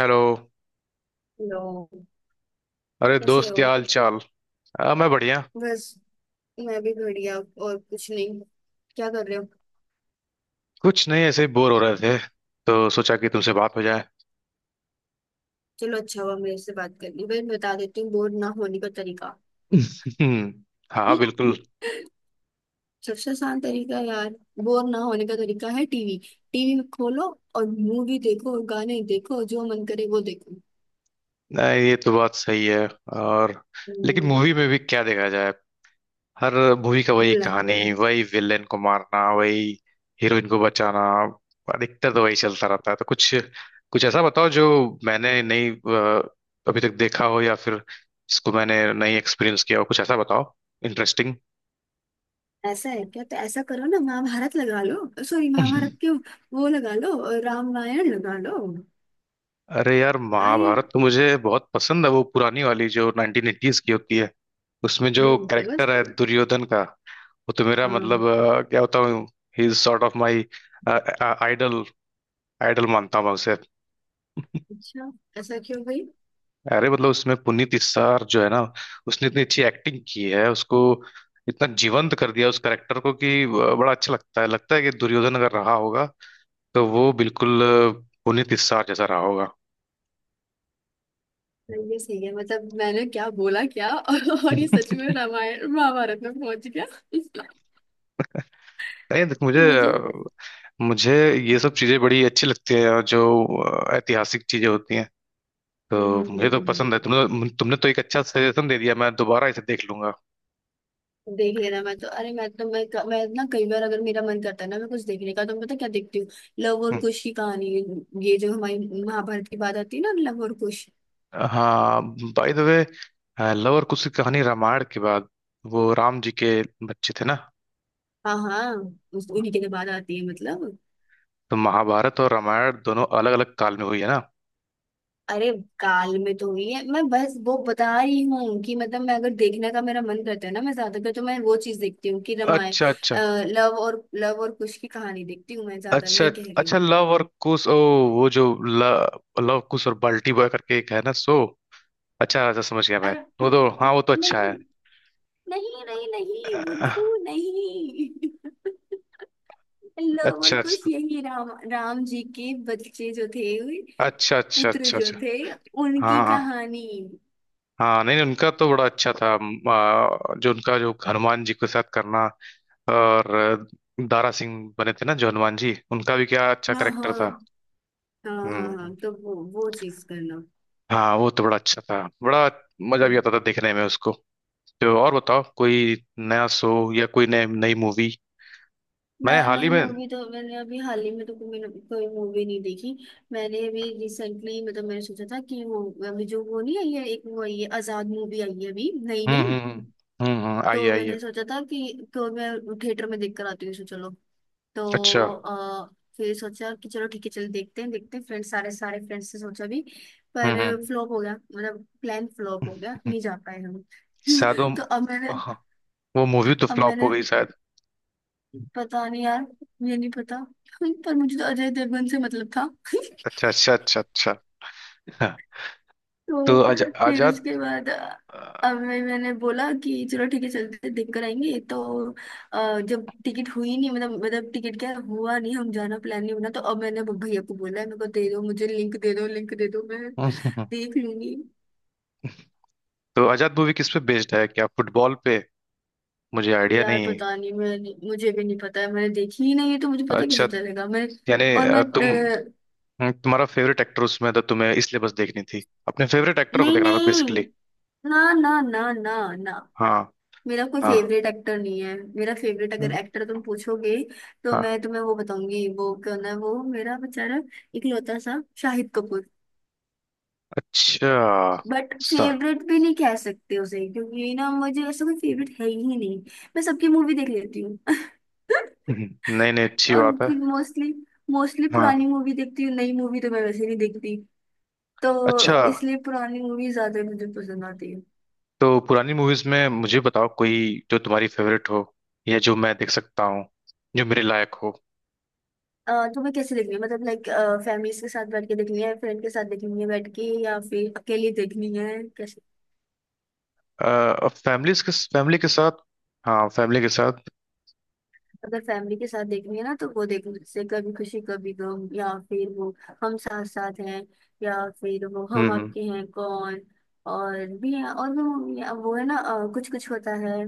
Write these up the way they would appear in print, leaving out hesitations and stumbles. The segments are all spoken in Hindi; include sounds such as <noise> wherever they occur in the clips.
हेलो। हेलो। अरे कैसे दोस्त, क्या हो? हाल चाल? मैं बढ़िया। बस। मैं भी बढ़िया। और कुछ नहीं। क्या कर रहे हो? कुछ नहीं, ऐसे ही बोर हो रहे थे तो सोचा कि तुमसे बात हो जाए। चलो, अच्छा हुआ मेरे से बात करनी, भाई बता देती हूँ बोर ना होने का तरीका। हम्म, हाँ बिल्कुल। सबसे आसान तरीका यार, बोर ना होने का तरीका है टीवी। टीवी खोलो और मूवी देखो और गाने देखो, जो मन करे वो देखो। नहीं, ये तो बात सही है। और लेकिन हम्म। मूवी में भी क्या देखा जाए? हर मूवी का वही ल, कहानी, वही विलेन को मारना, वही हीरोइन को बचाना। अधिकतर तो वही चलता रहता है तो कुछ कुछ ऐसा बताओ जो मैंने नहीं अभी तक देखा हो, या फिर जिसको मैंने नहीं एक्सपीरियंस किया हो। कुछ ऐसा बताओ इंटरेस्टिंग। ऐसा है क्या? तो ऐसा करो ना, महाभारत लगा लो। सॉरी, महाभारत क्यों? वो लगा लो और रामायण लगा लो। अरे यार, भाई। महाभारत तो मुझे बहुत पसंद है, वो पुरानी वाली जो 1980s की होती है। उसमें जो तो बस। कैरेक्टर है दुर्योधन का, वो तो मेरा हाँ। मतलब, क्या होता हूँ, he is sort of my idol. Idol मानता हूँ मैं उसे। अच्छा। ऐसा क्यों भाई? अरे मतलब उसमें पुनीत इस्सार जो है ना, उसने इतनी अच्छी एक्टिंग की है, उसको इतना जीवंत कर दिया उस कैरेक्टर को कि बड़ा अच्छा लगता है। लगता है कि दुर्योधन अगर रहा होगा तो वो बिल्कुल पुनीत इस्सार जैसा रहा होगा। ये सही है, मतलब मैंने क्या बोला क्या <laughs> और ये सच में <laughs> रामायण महाभारत में पहुंच गया <laughs> नहीं, देख मुझे मुझे। मुझे ये सब चीजें बड़ी अच्छी लगती है। और जो ऐतिहासिक चीजें होती हैं, हम्म, तो हम्म, मुझे तो हम्म, पसंद है। हम्म। तुमने तुमने तो एक अच्छा सजेशन दे दिया, मैं दोबारा इसे देख लूंगा। देख लेना। मैं तो अरे मैं तो मैं ना, कई बार अगर मेरा मन करता है ना मैं कुछ देखने का, तो मैं पता क्या देखती हूँ? लव और हम्म। कुश की कहानी। ये जो हमारी महाभारत की बात आती है ना, लव और कुश। हाँ, बाय द वे, लव और कुश की कहानी रामायण के बाद। वो राम जी के बच्चे थे ना। हाँ हाँ। उन्हीं के लिए बात आती है मतलब। तो महाभारत और रामायण दोनों अलग अलग काल में हुई है ना। अरे, काल में तो हुई है। मैं बस वो बता रही हूँ कि मतलब मैं अगर देखने का मेरा मन करता है ना, मैं ज्यादातर तो मैं वो चीज देखती हूँ कि रामायण। अच्छा अच्छा। अ, लव और कुश की कहानी देखती हूँ, मैं ज्यादा अच्छा ये कह रही हूँ अच्छा मैं। लव और कुश। ओ, वो जो लव कुश और बाल्टी बॉय करके एक है ना सो। अच्छा अच्छा, समझ गया मैं। अरे, वो न- तो हाँ, वो तो अच्छा है। नहीं नहीं नहीं नहीं अह, बुद्धू नहीं। <laughs> लव और अच्छा कुश अच्छा। यही, राम राम जी के बच्चे जो थे, अच्छा अच्छा पुत्र अच्छा जो अच्छा। थे, उनकी हाँ हाँ। कहानी। हाँ नहीं नहीं, उनका तो बड़ा अच्छा था। जो उनका, जो हनुमान जी के साथ करना। और दारा सिंह बने थे ना जो हनुमान जी, उनका भी क्या अच्छा हाँ करेक्टर हाँ था। हाँ हाँ हम्म। हाँ। तो वो चीज करना। हाँ वो तो बड़ा अच्छा था। बड़ा मजा भी आता था देखने में उसको। तो और बताओ कोई नया शो या कोई नई नई मूवी? मैंने मैं हाल ही नई में हम्म। मूवी तो, मैंने अभी हाल ही में तो कोई कोई मूवी नहीं देखी। मैंने अभी रिसेंटली मतलब, मैंने सोचा था कि वो अभी जो वो नहीं आई है, एक वो आई है आजाद मूवी, आई है अभी नई हम्म नई। आई है, तो आई है। मैंने सोचा था कि तो मैं थिएटर में देख कर आती हूँ, सो चलो। तो अच्छा। फिर सोचा कि चलो ठीक है, चलो देखते हैं फ्रेंड्स, सारे सारे फ्रेंड्स से सोचा भी, पर हम्म हम्म। फ्लॉप हो गया, मतलब प्लान फ्लॉप हो गया, हम्म। नहीं जा पाए हम। शायद <laughs> तो अब वो, मैंने हाँ, वो मूवी तो अब फ्लॉप हो मैंने गई शायद। पता नहीं यार, मुझे नहीं पता। <laughs> पर मुझे तो अजय देवगन से मतलब था <laughs> अच्छा अच्छा अच्छा अच्छा। हाँ। तो तो फिर आजाद। उसके बाद अ, अब मैंने बोला कि चलो ठीक है, चलते देख कर आएंगे, तो जब टिकट हुई नहीं, मतलब टिकट क्या हुआ नहीं, हम जाना प्लान नहीं बना। तो अब मैंने भैया को बोला है, मेरे को दे दो, मुझे लिंक दे दो, लिंक दे दो मैं देख लूंगी। तो आजाद मूवी किस पे बेस्ड है? क्या फुटबॉल पे? मुझे आइडिया यार नहीं। पता नहीं, मैं, मुझे भी नहीं पता है, मैंने देखी ही नहीं है तो मुझे पता अच्छा, कैसे चलेगा मैं? यानी और मैं तुम्हारा फेवरेट एक्टर उसमें था तुम्हें, इसलिए बस देखनी थी, अपने फेवरेट एक्टर को नहीं देखना था नहीं। बेसिकली। ना ना ना ना ना। हाँ मेरा कोई हाँ। फेवरेट एक्टर नहीं है, मेरा फेवरेट अगर एक्टर तुम पूछोगे तो हाँ। मैं तुम्हें वो बताऊंगी वो कौन है। वो मेरा बेचारा इकलौता सा शाहिद कपूर। अच्छा। बट सा फेवरेट भी नहीं कह सकते उसे, क्योंकि ना, मुझे ऐसा कोई फेवरेट है ही नहीं। मैं सबकी मूवी देख लेती हूँ <laughs> नहीं नहीं, अच्छी और बात है। फिर मोस्टली मोस्टली हाँ। पुरानी मूवी देखती हूँ, नई मूवी तो मैं वैसे नहीं देखती। अच्छा। तो इसलिए पुरानी मूवी ज्यादा मुझे पसंद आती है। तो पुरानी मूवीज में मुझे बताओ कोई जो तुम्हारी फेवरेट हो, या जो मैं देख सकता हूँ, जो मेरे लायक हो। तुम्हें कैसे देखनी है, मतलब लाइक, फैमिलीज के साथ बैठ के देखनी है, फ्रेंड के साथ देखनी है बैठ के, या फिर अकेले देखनी है, कैसे? अ, अब फैमिली के साथ, हाँ फैमिली के साथ। अगर फैमिली के साथ देखनी है ना, तो वो देखो, जैसे कभी खुशी कभी गम, या फिर वो हम साथ साथ हैं, या फिर वो हम्म हम हम्म, आपके हैं कौन, और भी है। और वो है ना कुछ कुछ होता है।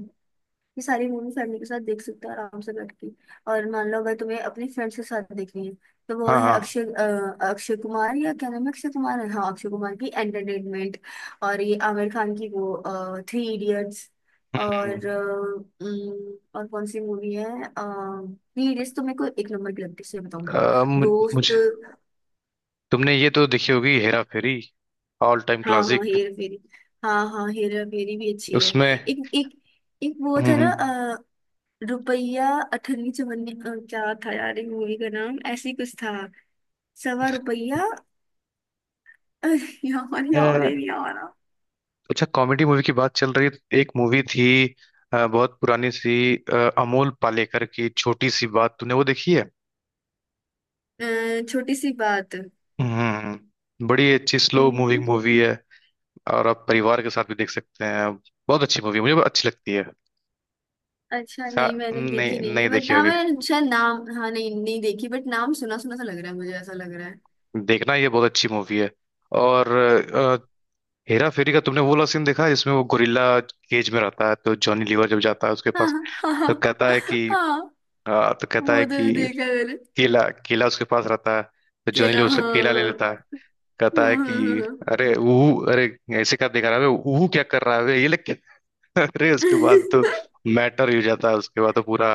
ये सारी मूवी फैमिली के साथ देख सकते हो आराम से बैठ के। और मान लो अगर तुम्हें अपने फ्रेंड्स के साथ देखनी है, तो वो हाँ है हाँ। अक्षय कुमार, या क्या नाम है, अक्षय कुमार है, हाँ, अक्षय कुमार की एंटरटेनमेंट। और ये आमिर खान की वो थ्री इडियट्स। और हम्म। अ, उम, और कौन सी मूवी है, थ्री इडियट्स तो मेरे को एक नंबर की लगती है सही बताऊँ तो। दोस्त। मुझे, तुमने ये तो देखी होगी हेरा फेरी? ऑल टाइम हाँ हाँ क्लासिक। हेरा फेरी। हाँ हाँ हेरा फेरी भी अच्छी है। उसमें एक एक एक वो हम्म था ना, हम्म, रुपया अठन्नी चवन्नी, क्या था यार मूवी का नाम, ऐसी कुछ था, सवा रुपया। <laughs> यार अ, यार ये नहीं आ रहा। अच्छा कॉमेडी मूवी की बात चल रही है तो एक मूवी थी, बहुत पुरानी सी, अमोल पालेकर की छोटी सी बात, तूने वो देखी है? छोटी सी बात। हम्म हम्म, हम्म, बड़ी अच्छी स्लो अम्म, मूविंग मूवी है, और आप परिवार के साथ भी देख सकते हैं। बहुत अच्छी मूवी, मुझे बहुत अच्छी लगती है। अच्छा सा- नहीं, मैंने देखी नहीं नहीं नहीं, है, बट देखी हाँ होगी, मैंने शायद नाम, हाँ नहीं, नहीं देखी, बट नाम सुना सुना सा लग रहा है मुझे, ऐसा लग रहा है। देखना ये बहुत अच्छी मूवी है। और हेरा फेरी का तुमने वो वाला सीन देखा है जिसमें वो गोरिल्ला केज में रहता है तो जॉनी लीवर जब जाता है उसके हाँ पास, हाँ हाँ तो कहता है हाँ, कि, हाँ। अ, तो कहता है वो तो कि देखा है मैंने। केला केला उसके पास रहता है तो जॉनी केला, लीवर उसका हाँ। केला ले लेता है, कहता हाँ है हाँ हाँ कि हाँ, अरे ऊ, अरे ऐसे क्या देख रहा है बे? ऊ क्या कर रहा है बे? ये लेके <laughs> अरे उसके बाद तो <laughs> मैटर ही हो जाता है उसके बाद तो पूरा,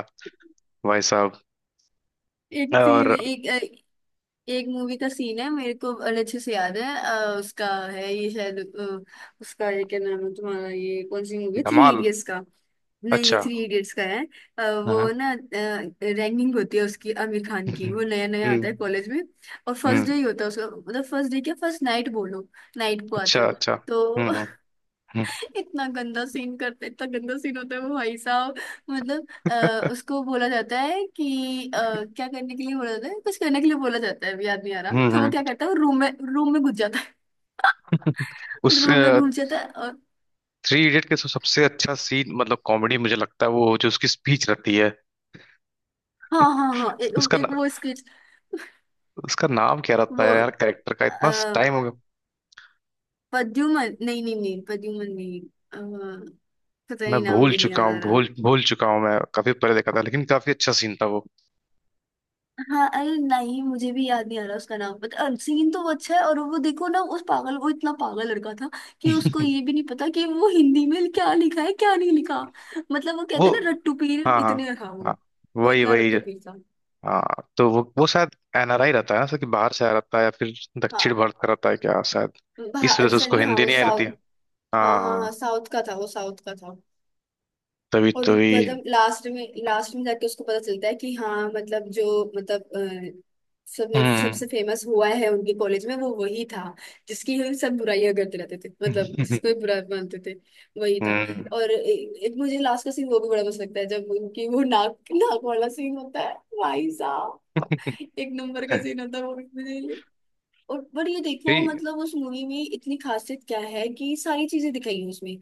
भाई साहब। एक सीन और एक एक मूवी का सीन है, मेरे को बड़े अच्छे से याद है, उसका है ये शायद, उसका, ये क्या नाम है तुम्हारा, ये कौन सी मूवी, थ्री धमाल। इडियट्स का? नहीं, अच्छा। थ्री इडियट्स का है। वो हाँ। ना रैंकिंग होती है उसकी, आमिर खान की, हम्म वो नया नया आता हम्म है कॉलेज में, और फर्स्ट हम्म, डे ही होता है उसका, मतलब फर्स्ट डे क्या फर्स्ट नाइट बोलो। नाइट को आता अच्छा है वो, अच्छा। हम्म तो हम्म। <laughs> हम्म इतना गंदा सीन करते, इतना गंदा सीन होता है वो भाई साहब। मतलब उसको बोला जाता है कि अ, क्या करने के लिए बोला जाता है, कुछ करने के लिए बोला जाता है, अभी याद नहीं आ रहा, तो वो हम्म। क्या करता है, रूम में घुस जाता है। <laughs> उस रूम में घुस जाता है, और थ्री इडियट के सबसे अच्छा सीन मतलब कॉमेडी मुझे लगता है वो जो उसकी स्पीच रहती है हाँ हाँ हाँ, उसका ना, एक वो स्केच, उसका नाम क्या रहता वो है यार कैरेक्टर का? इतना आ, टाइम हो गया पद्युमन, नहीं नहीं नहीं पद्युमन नहीं, अ, पता मैं नहीं नाम भूल भी नहीं चुका याद आ हूँ, रहा। भूल भूल चुका हूँ मैं, काफी पहले देखा था, लेकिन काफी अच्छा सीन था वो। हाँ, अरे नहीं मुझे भी याद नहीं आ रहा उसका नाम पता, सीन तो वो अच्छा है। और वो देखो ना, उस पागल, वो इतना पागल लड़का था कि उसको ये <laughs> भी नहीं पता कि वो हिंदी में क्या लिखा है क्या नहीं लिखा। मतलब वो वो कहते हैं ना रट्टू पीर, हाँ हाँ इतने था वो हाँ, वो वही इतना वही रट्टू पीर था। हाँ तो वो शायद एनआरआई रहता है ना सर, कि बाहर से आया रहता है या फिर दक्षिण हाँ, भारत का रहता है क्या शायद, इस वजह बाहर से उसको सनी, हाँ हिंदी वो नहीं आई रहती है। साउथ। हाँ हाँ हाँ हाँ हाँ साउथ का था वो, साउथ का था। तभी और तभी। मतलब लास्ट में, लास्ट में जाके उसको पता चलता है कि, हाँ मतलब जो, मतलब सबने, हम्म। सबसे फेमस हुआ है उनके कॉलेज में वो वही था, जिसकी हम सब बुराइयां करते रहते थे, मतलब जिसको भी बुरा मानते थे, वही <laughs> था। हम्म। और एक मुझे लास्ट का सीन वो भी बड़ा मस्त लगता है, जब उनकी वो नाक नाक वाला सीन होता है, भाई साहब, <laughs> एक नंबर का सीन होता है वो भी मुझे। और पर ये देखो ठीक। मतलब उस मूवी में इतनी खासियत क्या है कि सारी चीजें दिखाई है उसमें,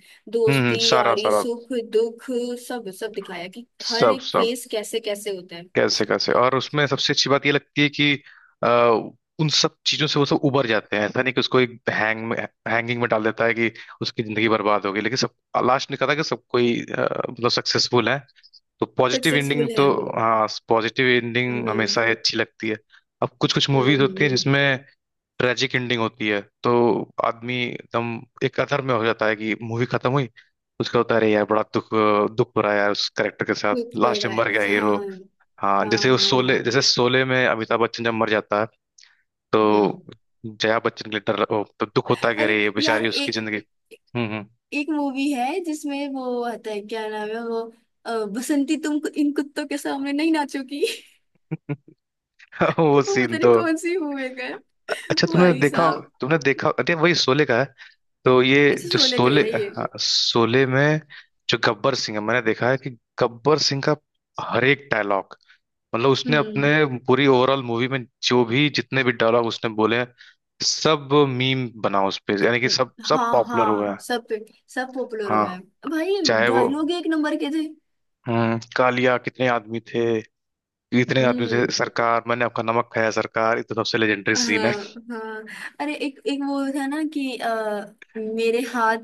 हम्म, दोस्ती सारा यारी सारा, सुख दुख, सब सब दिखाया कि हर सब एक सब, फेस कैसे कैसे होता है। कैसे कैसे। और उसमें सबसे अच्छी बात ये लगती है कि अ, उन सब चीजों से वो सब उबर जाते हैं। ऐसा नहीं कि उसको एक हैंग में, हैंगिंग में डाल देता है कि उसकी जिंदगी बर्बाद हो गई, लेकिन सब लास्ट निकला था कि सब कोई, मतलब सक्सेसफुल है, तो पॉजिटिव एंडिंग सक्सेसफुल तो, है। हाँ पॉजिटिव हम्म, एंडिंग हम्म, हमेशा ही अच्छी लगती है। अब कुछ कुछ हम्म, मूवीज होती है जिसमें ट्रेजिक एंडिंग होती है, तो आदमी एकदम एक अथर में हो जाता है कि मूवी खत्म हुई। उसका होता है अरे यार, बड़ा दुख, दुख हो रहा है यार उस करेक्टर के साथ, दुख लास्ट भरा में है। मर गया हाँ हीरो। हाँ, हाँ जैसे वो हाँ शोले, हाँ। जैसे शोले में अमिताभ बच्चन जब मर जाता है हम्म। तो जया बच्चन के लिए डर ओ, तो दुख होता है कि अरे अरे ये बेचारी, यार उसकी एक जिंदगी। हम्म। एक मूवी है जिसमें वो आता है क्या नाम है वो? बसंती तुम इन कुत्तों के सामने नहीं नाचोगी <laughs> हम्म। <laughs> वो वो सीन पता नहीं तो, कौन सी मूवी का है, अच्छा तुमने भाई देखा, साहब। तुमने देखा? अरे वही शोले का है। तो ये अच्छा, जो शोले का शोले, है ये? हाँ शोले में जो गब्बर सिंह है, मैंने देखा है कि गब्बर सिंह का हर एक डायलॉग, मतलब उसने हम्म। अपने पूरी ओवरऑल मूवी में जो भी जितने भी डायलॉग उसने बोले हैं, सब मीम बना उस पे, यानी कि सब सब हाँ पॉपुलर हुआ हाँ है। सब पे, सब पॉपुलर हाँ, हुए हैं भाई। चाहे वो डायलॉग एक नंबर के थे। हम्म, कालिया कितने आदमी थे, इतने आदमी थे हम्म। सरकार, मैंने आपका नमक खाया सरकार, ये तो सबसे लेजेंडरी हाँ सीन है। हाँ। अरे एक एक वो था ना कि मेरे हाथ,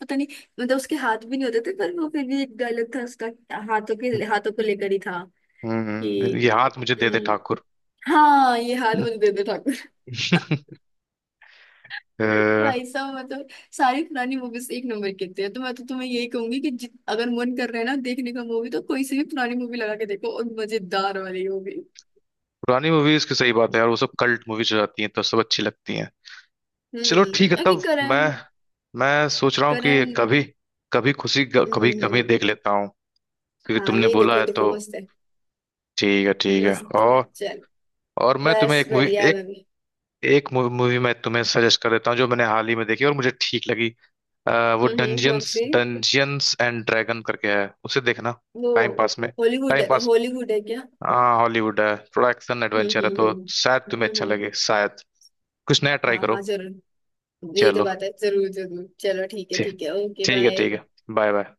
पता नहीं, मतलब उसके हाथ भी नहीं होते थे, पर वो फिर भी एक डायलॉग था उसका, हाथों के हाथों को लेकर ही था हम्म, कि, ये हाथ मुझे दे दे अम, ठाकुर। हाँ, ये हाथ मुझे दे दो ठाकुर। <laughs> अ, भाई साहब मैं तो, सारी पुरानी मूवीज एक नंबर की होती है, तो मैं तो तुम्हें यही कहूंगी कि, अगर मन कर रहे हैं ना देखने का मूवी तो कोई सी भी पुरानी मूवी लगा के देखो, और मजेदार वाली होगी। पुरानी मूवीज की सही बात है यार, वो सब कल्ट मूवीज हो जाती हैं तो सब अच्छी लगती हैं। चलो ठीक है हम्म, अभी तब। मैं करण मैं सोच रहा हूँ कि करण कभी कभी खुशी कभी कमी हम्म। देख लेता हूँ, क्योंकि हाँ तुमने यही देख बोला लो, है देख तो। लो मस्त है, ठीक है ठीक है। मस्त है और चल। मैं तुम्हें बस एक मूवी, बढ़िया, एक मैं भी। एक मूवी मैं तुम्हें सजेस्ट कर देता हूँ जो मैंने हाल ही में देखी और मुझे ठीक लगी। अ, वो कौन डंजियंस सी, डंजियंस एंड ड्रैगन करके है, उसे देखना वो टाइम पास में। हॉलीवुड टाइम पास, हॉलीवुड है क्या? हाँ हॉलीवुड है, थोड़ा एक्शन हम्म, एडवेंचर है हम्म, तो हम्म, शायद हम्म, तुम्हें अच्छा हम्म। लगे। शायद कुछ नया ट्राई हाँ करो। हाँ जरूर। ये तो चलो बात है, जरूर जरूर, चलो ठीक है, ठीक। ठीक है, ओके ठीक है बाय। ठीक है। Bye bye.